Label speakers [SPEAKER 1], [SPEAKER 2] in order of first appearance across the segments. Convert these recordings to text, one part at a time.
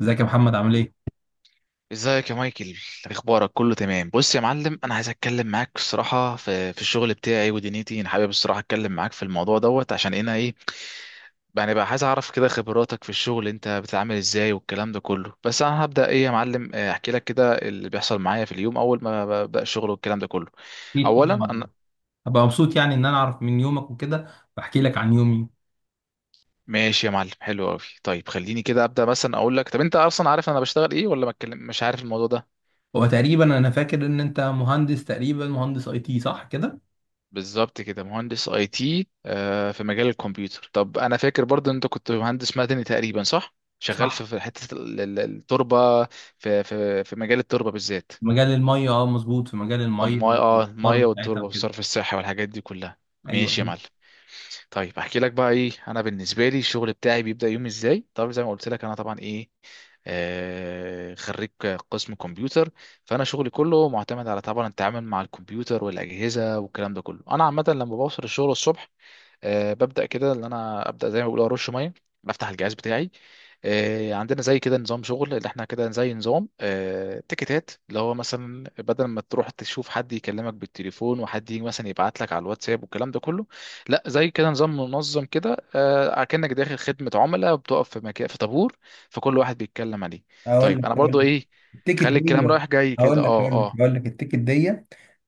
[SPEAKER 1] ازيك يا محمد عامل ايه؟
[SPEAKER 2] ازيك يا مايكل. اخبارك؟ كله تمام. بص يا معلم، انا عايز اتكلم معاك الصراحه في الشغل بتاعي ودنيتي. انا حابب الصراحه اتكلم معاك في الموضوع دوت عشان انا ايه، يعني بقى عايز اعرف كده خبراتك في الشغل، انت بتتعامل ازاي والكلام ده كله. بس انا هبدا ايه يا معلم، احكي لك كده اللي بيحصل معايا في اليوم اول ما ببدا الشغل والكلام ده كله.
[SPEAKER 1] اكيد الحمد
[SPEAKER 2] اولا
[SPEAKER 1] طبعا.
[SPEAKER 2] انا
[SPEAKER 1] هبقى مبسوط يعني ان انا اعرف من يومك وكده. بحكي لك عن يومي.
[SPEAKER 2] ماشي يا معلم، حلو قوي. طيب خليني كده ابدا، مثلا اقول لك، طب انت اصلا عارف انا بشتغل ايه ولا ما اتكلم؟ مش عارف الموضوع ده.
[SPEAKER 1] هو تقريبا انا فاكر ان انت مهندس، تقريبا مهندس اي تي، صح كده؟
[SPEAKER 2] بالظبط كده، مهندس اي تي، في مجال الكمبيوتر. طب انا فاكر برضو إن انت كنت مهندس مدني تقريبا، صح؟ شغال
[SPEAKER 1] صح،
[SPEAKER 2] في حته التربه، في مجال التربه بالذات.
[SPEAKER 1] في مجال الميه، اه، مظبوط، في مجال الميه
[SPEAKER 2] المايه، اه
[SPEAKER 1] والصرف
[SPEAKER 2] المايه
[SPEAKER 1] بتاعتها
[SPEAKER 2] والتربه
[SPEAKER 1] وكده.
[SPEAKER 2] والصرف الصحي والحاجات دي كلها. ماشي يا
[SPEAKER 1] ايوه.
[SPEAKER 2] معلم. طيب احكي لك بقى ايه، انا بالنسبه لي الشغل بتاعي بيبدا يوم ازاي. طب زي ما قلت لك انا طبعا ايه، خريج قسم كمبيوتر. فانا شغلي كله معتمد على طبعا التعامل مع الكمبيوتر والاجهزه والكلام ده كله. انا عامه لما بوصل الشغل الصبح، ببدا كده ان انا ابدا زي ما بيقولوا ارش ميه. بفتح الجهاز بتاعي، عندنا زي كده نظام شغل، اللي احنا كده زي نظام تيكتات، اللي هو مثلا بدل ما تروح تشوف حد يكلمك بالتليفون وحد يجي مثلا يبعت لك على الواتساب والكلام ده كله، لا زي كده نظام منظم كده، كأنك داخل خدمة عملاء بتقف في مكان في طابور، فكل واحد بيتكلم عليه.
[SPEAKER 1] هقول لك
[SPEAKER 2] طيب انا
[SPEAKER 1] هقول لك
[SPEAKER 2] برضو ايه،
[SPEAKER 1] التيكت
[SPEAKER 2] خلي الكلام
[SPEAKER 1] دي.
[SPEAKER 2] رايح جاي كده.
[SPEAKER 1] هقول لك
[SPEAKER 2] اه
[SPEAKER 1] هقول لك
[SPEAKER 2] اه،
[SPEAKER 1] هقول لك التيكت دي.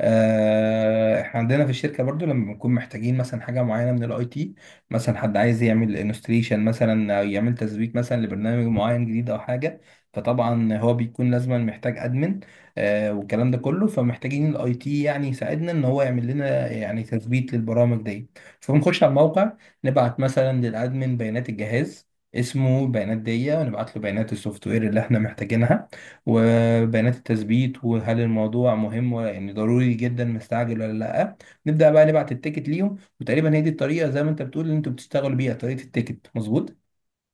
[SPEAKER 1] احنا عندنا في الشركه برضو لما بنكون محتاجين مثلا حاجه معينه من الاي تي، مثلا حد عايز يعمل انستليشن مثلا او يعمل تثبيت مثلا لبرنامج معين جديد او حاجه. فطبعا هو بيكون لازما محتاج ادمن، والكلام ده كله، فمحتاجين الاي تي يعني يساعدنا ان هو يعمل لنا يعني تثبيت للبرامج دي. فبنخش على الموقع، نبعت مثلا للادمن بيانات الجهاز، اسمه بيانات دية، ونبعت له بيانات السوفت وير اللي احنا محتاجينها وبيانات التثبيت، وهل الموضوع مهم ولا يعني ضروري جدا مستعجل ولا لا. نبدأ بقى نبعت التيكت ليهم، وتقريبا هي دي الطريقة زي ما انت بتقول اللي انتوا بتشتغلوا بيها، طريقة التيكت، مظبوط؟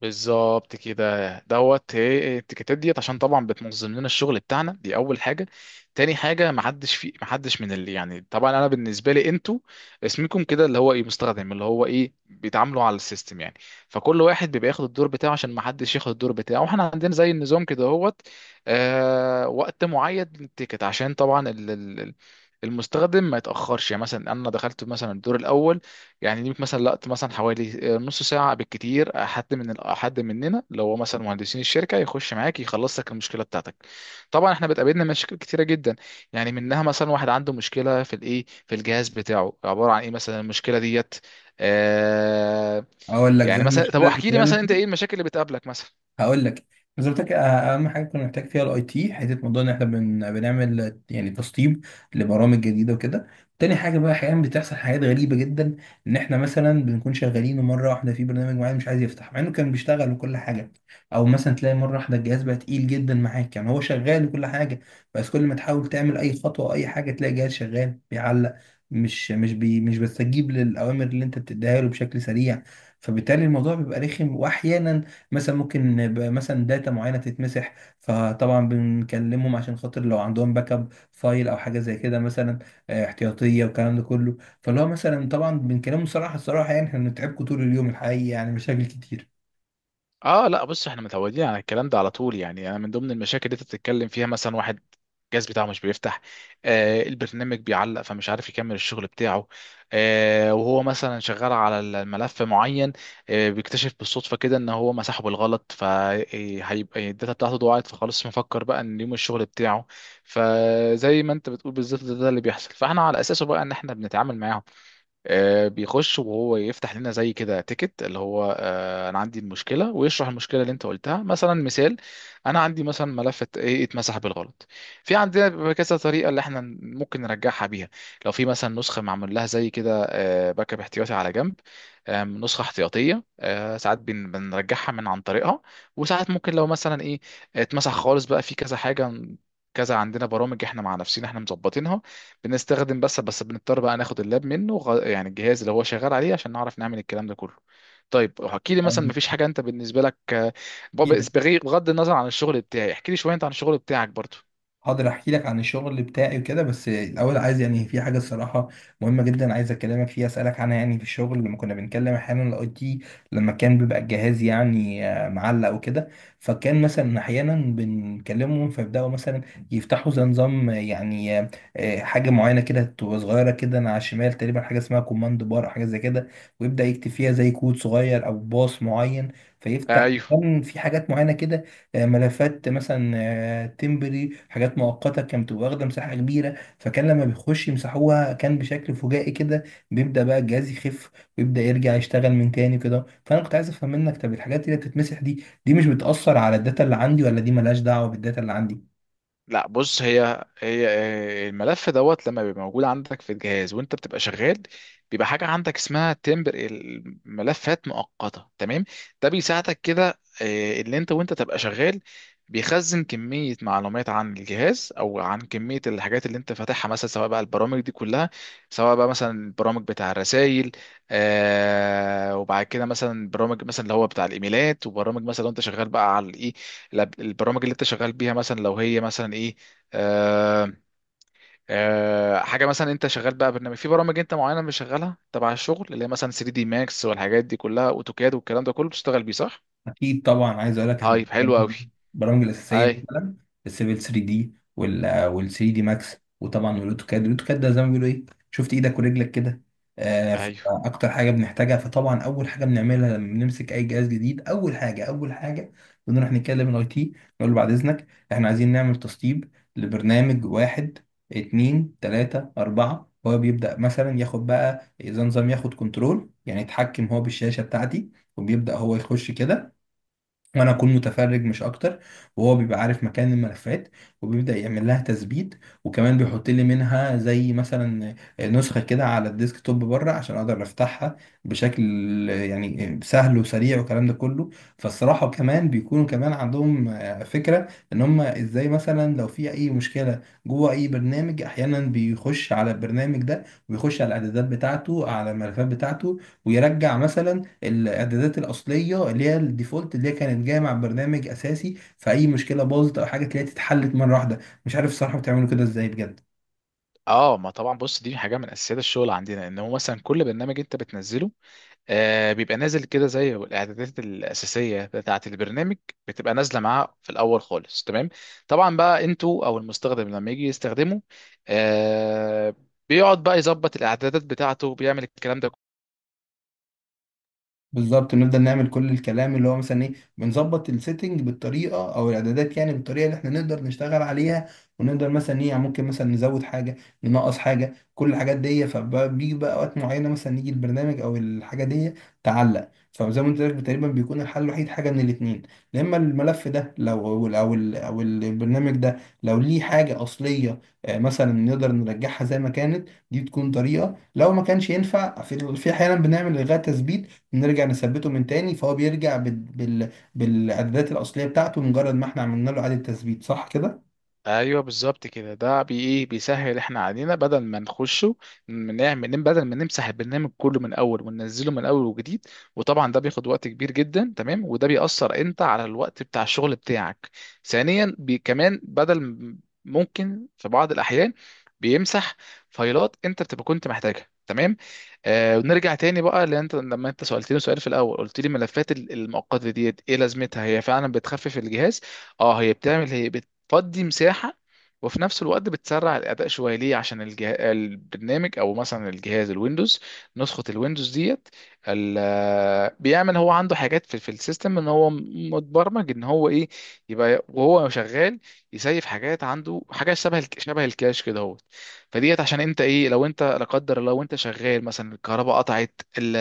[SPEAKER 2] بالظبط كده دوت، هي التيكيتات ديت عشان طبعا بتنظم لنا الشغل بتاعنا. دي اول حاجه. تاني حاجه ما حدش من اللي يعني طبعا انا بالنسبه لي، انتوا اسمكم كده اللي هو ايه مستخدم، اللي هو ايه بيتعاملوا على السيستم يعني. فكل واحد بيبقى ياخد الدور بتاعه عشان ما حدش ياخد الدور بتاعه، واحنا عندنا زي النظام كده هوت. آه، وقت معين للتيكت عشان طبعا المستخدم ما يتاخرش. يعني مثلا انا دخلت مثلا الدور الاول، يعني ليك مثلا وقت مثلا حوالي نص ساعة بالكتير. حد من حد مننا لو هو مثلا مهندسين الشركة يخش معاك يخلص لك المشكلة بتاعتك. طبعا احنا بتقابلنا مشاكل كتيرة جدا، يعني منها مثلا واحد عنده مشكلة في الايه، في الجهاز بتاعه، عبارة عن ايه مثلا، المشكلة ديت، آه.
[SPEAKER 1] اقول لك زي
[SPEAKER 2] يعني مثلا طب
[SPEAKER 1] المشكلة اللي
[SPEAKER 2] احكي لي مثلا انت ايه المشاكل اللي بتقابلك مثلا.
[SPEAKER 1] هقول لك. زي ما قلت لك، اهم حاجه كنا محتاج فيها الاي تي حته موضوع ان احنا بنعمل، يعني، تسطيب لبرامج جديده وكده. تاني حاجه بقى، احيانا بتحصل حاجات غريبه جدا، ان احنا مثلا بنكون شغالين ومره واحده في برنامج معين مش عايز يفتح مع انه كان بيشتغل وكل حاجه. او مثلا تلاقي مره واحده الجهاز بقى تقيل جدا معاك، يعني هو شغال وكل حاجه، بس كل ما تحاول تعمل اي خطوه او اي حاجه تلاقي الجهاز شغال بيعلق، مش بتستجيب للاوامر اللي انت بتديها له بشكل سريع. فبالتالي الموضوع بيبقى رخم، واحيانا مثلا ممكن يبقى مثلا داتا معينه تتمسح، فطبعا بنكلمهم عشان خاطر لو عندهم باك اب فايل او حاجه زي كده مثلا، احتياطيه والكلام ده كله. فاللي هو مثلا طبعا بنكلمهم صراحه، الصراحه يعني احنا بنتعبكم طول اليوم، الحقيقه يعني مشاكل
[SPEAKER 2] اه لا، بص احنا متعودين على الكلام ده على طول. يعني انا من ضمن المشاكل اللي انت بتتكلم فيها، مثلا واحد الجهاز بتاعه مش بيفتح، آه البرنامج بيعلق فمش عارف يكمل الشغل بتاعه، آه وهو مثلا شغال على الملف معين، آه بيكتشف بالصدفة كده ان هو مسحه بالغلط، فهيبقى الداتا بتاعته ضاعت، فخلاص مفكر بقى ان يوم الشغل بتاعه. فزي ما انت بتقول بالظبط، ده اللي بيحصل، فاحنا على اساسه بقى ان احنا بنتعامل معاهم. بيخش وهو يفتح لنا زي كده تيكت، اللي هو انا عندي المشكله، ويشرح المشكله اللي انت قلتها. مثلا مثال، انا عندي مثلا ملف ايه اتمسح بالغلط. في عندنا بيبقى كذا طريقه اللي احنا ممكن نرجعها بيها. لو في مثلا نسخه معمول لها زي كده باك اب احتياطي على جنب، نسخه احتياطيه، ساعات بنرجعها من عن طريقها. وساعات ممكن لو مثلا ايه اتمسح خالص، بقى في كذا حاجه، كذا عندنا برامج احنا مع نفسنا احنا مظبطينها بنستخدم. بس بنضطر بقى ناخد اللاب منه، يعني الجهاز اللي هو شغال عليه، عشان نعرف نعمل الكلام ده كله. طيب احكي لي مثلا، مفيش حاجه انت بالنسبه لك؟ بغ-
[SPEAKER 1] كتير.
[SPEAKER 2] بغض النظر عن الشغل بتاعي، احكي لي شويه انت عن الشغل بتاعك برضو.
[SPEAKER 1] هقدر احكي لك عن الشغل بتاعي وكده، بس الاول عايز يعني في حاجه الصراحه مهمه جدا عايز اكلمك فيها، اسالك عنها. يعني في الشغل لما كنا بنتكلم احيانا الاي تي، لما كان بيبقى الجهاز يعني معلق وكده، فكان مثلا احيانا بنكلمهم فيبداوا مثلا يفتحوا زي نظام، يعني، حاجه معينه كده تبقى صغيره كده على الشمال تقريبا، حاجه اسمها كوماند بار او حاجه زي كده، ويبدا يكتب فيها زي كود صغير او باص معين فيفتح.
[SPEAKER 2] ايوه
[SPEAKER 1] كان في حاجات معينه كده، ملفات مثلا، تمبري، حاجات مؤقته كانت بتبقى واخده مساحه كبيره، فكان لما بيخش يمسحوها كان بشكل فجائي كده بيبدا بقى الجهاز يخف، ويبدا يرجع يشتغل من تاني كده. فانا كنت عايز افهم منك، طب الحاجات اللي بتتمسح دي مش بتاثر على الداتا اللي عندي، ولا دي ملهاش دعوه بالداتا اللي عندي؟
[SPEAKER 2] لا بص، هي الملف دوت لما بيبقى موجود عندك في الجهاز وانت بتبقى شغال، بيبقى حاجه عندك اسمها تمبر الملفات مؤقته، تمام؟ ده بيساعدك كده، اللي انت وانت تبقى شغال بيخزن كميه معلومات عن الجهاز او عن كميه الحاجات اللي انت فاتحها، مثلا سواء بقى البرامج دي كلها، سواء بقى مثلا البرامج بتاع الرسائل، آه وبعد كده مثلا برامج مثلا اللي هو بتاع الايميلات، وبرامج مثلا لو انت شغال بقى على الايه، البرامج اللي انت شغال بيها، مثلا لو هي مثلا ايه، آه آه حاجه مثلا انت شغال بقى برنامج، في برامج انت معينه بشغلها تبع الشغل، اللي هي مثلا 3 دي ماكس والحاجات دي كلها، اوتوكاد والكلام ده كله بتشتغل بيه، صح؟
[SPEAKER 1] اكيد طبعا. عايز اقول لك احنا
[SPEAKER 2] طيب حلو قوي.
[SPEAKER 1] البرامج الاساسيه
[SPEAKER 2] اي،
[SPEAKER 1] مثلا السيفل 3 دي وال 3 دي ماكس وطبعا الاوتوكاد ده زي ما بيقولوا ايه، شفت ايدك ورجلك كده. آه.
[SPEAKER 2] ايوه.
[SPEAKER 1] اكتر حاجه بنحتاجها، فطبعا اول حاجه بنعملها لما بنمسك اي جهاز جديد، اول حاجه بنروح نتكلم الاي تي، نقول له بعد اذنك احنا عايزين نعمل تسطيب لبرنامج واحد، اتنين، تلاته، اربعه. هو بيبدا مثلا ياخد بقى اذا نظام، ياخد كنترول يعني يتحكم هو بالشاشه بتاعتي، وبيبدا هو يخش كده وانا اكون متفرج مش اكتر. وهو بيبقى عارف مكان الملفات وبيبدا يعمل لها تثبيت، وكمان بيحط لي منها زي مثلا نسخه كده على الديسك توب بره عشان اقدر افتحها بشكل يعني سهل وسريع والكلام ده كله. فالصراحه كمان بيكونوا كمان عندهم فكره ان هم ازاي مثلا لو في اي مشكله جوه اي برنامج، احيانا بيخش على البرنامج ده ويخش على الاعدادات بتاعته على الملفات بتاعته، ويرجع مثلا الاعدادات الاصليه اللي هي الديفولت اللي هي كانت جايه مع برنامج اساسي، فاي مشكله باظت او حاجه تلاقيها اتحلت مره واحده. مش عارف الصراحه بتعملوا كده ازاي بجد.
[SPEAKER 2] اه ما طبعا بص، دي حاجه من اساسيات الشغل عندنا، ان هو مثلا كل برنامج انت بتنزله آه بيبقى نازل كده زي الاعدادات الاساسيه بتاعه، البرنامج بتبقى نازله معاه في الاول خالص، تمام. طبعا بقى انتوا او المستخدم لما يجي يستخدمه، آه بيقعد بقى يظبط الاعدادات بتاعته بيعمل الكلام ده.
[SPEAKER 1] بالظبط، نفضل نعمل كل الكلام اللي هو مثلا ايه، بنظبط السيتنج بالطريقه او الاعدادات، يعني بالطريقه اللي احنا نقدر نشتغل عليها، ونقدر مثلا ايه يعني ممكن مثلا نزود حاجه، ننقص حاجه، كل الحاجات دي. فبيجي بقى وقت معينه مثلا يجي البرنامج او الحاجه دي تعلق، فزي ما قلت لك تقريبا بيكون الحل الوحيد حاجه من الاثنين، يا اما الملف ده لو أو البرنامج ده لو ليه حاجه اصليه، مثلا نقدر نرجعها زي ما كانت، دي تكون طريقه. لو ما كانش ينفع، في احيانا بنعمل الغاء تثبيت، نرجع نثبته من تاني، فهو بيرجع بالإعدادات الأصلية بتاعته مجرد ما احنا عملنا له إعادة تثبيت، صح كده؟
[SPEAKER 2] ايوه بالظبط كده، ده بي ايه بيسهل احنا علينا بدل ما نخشه نعمل بدل ما نمسح البرنامج كله من الاول وننزله من الاول وجديد، وطبعا ده بياخد وقت كبير جدا، تمام؟ وده بيأثر انت على الوقت بتاع الشغل بتاعك. ثانيا بي، كمان بدل ممكن في بعض الاحيان بيمسح فايلات انت بتبقى كنت محتاجها، تمام. آه ونرجع تاني بقى، لان انت لما انت سألتني سؤال في الاول، قلت لي ملفات المؤقته ديت ايه لازمتها، هي فعلا بتخفف الجهاز. اه هي بتعمل هي، فدي مساحة، وفي نفس الوقت بتسرع الأداء شوية، ليه؟ عشان البرنامج أو مثلا الجهاز الويندوز، نسخة الويندوز ديت ال... بيعمل هو عنده حاجات في السيستم، إن هو متبرمج إن هو إيه، يبقى وهو شغال يسيف حاجات عنده. حاجة شبه الكاش كده هو، فديت عشان أنت إيه لو أنت لا قدر الله وأنت شغال مثلا الكهرباء قطعت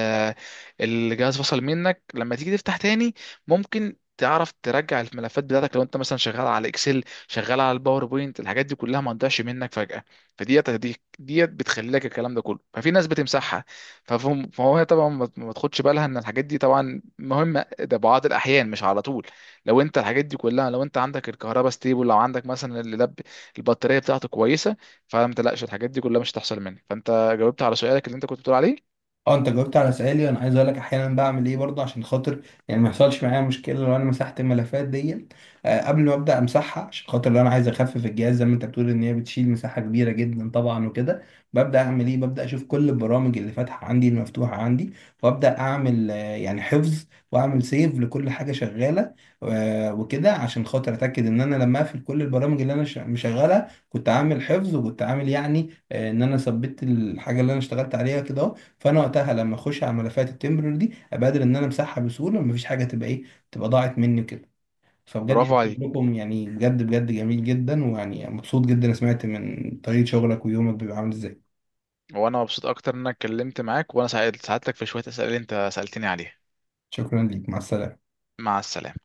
[SPEAKER 2] الجهاز فصل منك، لما تيجي تفتح تاني ممكن تعرف ترجع الملفات بتاعتك لو انت مثلا شغال على اكسل، شغال على الباوربوينت، الحاجات دي كلها ما تضيعش منك فجأة. فديت ديت بتخلي لك الكلام ده كله، ففي ناس بتمسحها، فهو هي طبعا ما تاخدش بالها ان الحاجات دي طبعا مهمة، ده بعض الاحيان مش على طول. لو انت الحاجات دي كلها، لو انت عندك الكهرباء ستيبل، لو عندك مثلا اللاب البطارية بتاعته كويسة، فما تقلقش الحاجات دي كلها مش هتحصل منك. فانت جاوبت على سؤالك اللي انت كنت بتقول عليه.
[SPEAKER 1] اه، انت جاوبت على سؤالي. انا عايز اقول لك احيانا بعمل ايه برضه، عشان خاطر يعني ما يحصلش معايا مشكله لو انا مسحت الملفات دي، قبل ما ابدا امسحها، عشان خاطر لو انا عايز اخفف الجهاز زي ما انت بتقول ان هي بتشيل مساحه كبيره جدا طبعا وكده، ببدا اعمل ايه ببدا اشوف كل البرامج اللي فاتحه عندي، المفتوحه عندي، وابدا اعمل يعني حفظ، واعمل سيف لكل حاجه شغاله، وكده، عشان خاطر اتاكد ان انا لما اقفل كل البرامج اللي انا مشغلها كنت عامل حفظ، وكنت عامل يعني ان انا ثبت الحاجه اللي انا اشتغلت عليها كده. فانا وقتها لما اخش على ملفات التمبرر دي ابقى قادر ان انا امسحها بسهوله، ومفيش حاجه تبقى ضاعت مني وكده. فبجد
[SPEAKER 2] برافو
[SPEAKER 1] يعني
[SPEAKER 2] عليك،
[SPEAKER 1] شغلكم يعني بجد بجد جميل جدا، ويعني مبسوط جدا أنا سمعت من طريقه شغلك ويومك بيبقى عامل ازاي.
[SPEAKER 2] وانا مبسوط اكتر ان انا اتكلمت معاك وانا ساعدتك في شوية اسئلة اللي انت سألتني عليها.
[SPEAKER 1] شكرا ليك، مع السلامه.
[SPEAKER 2] مع السلامة.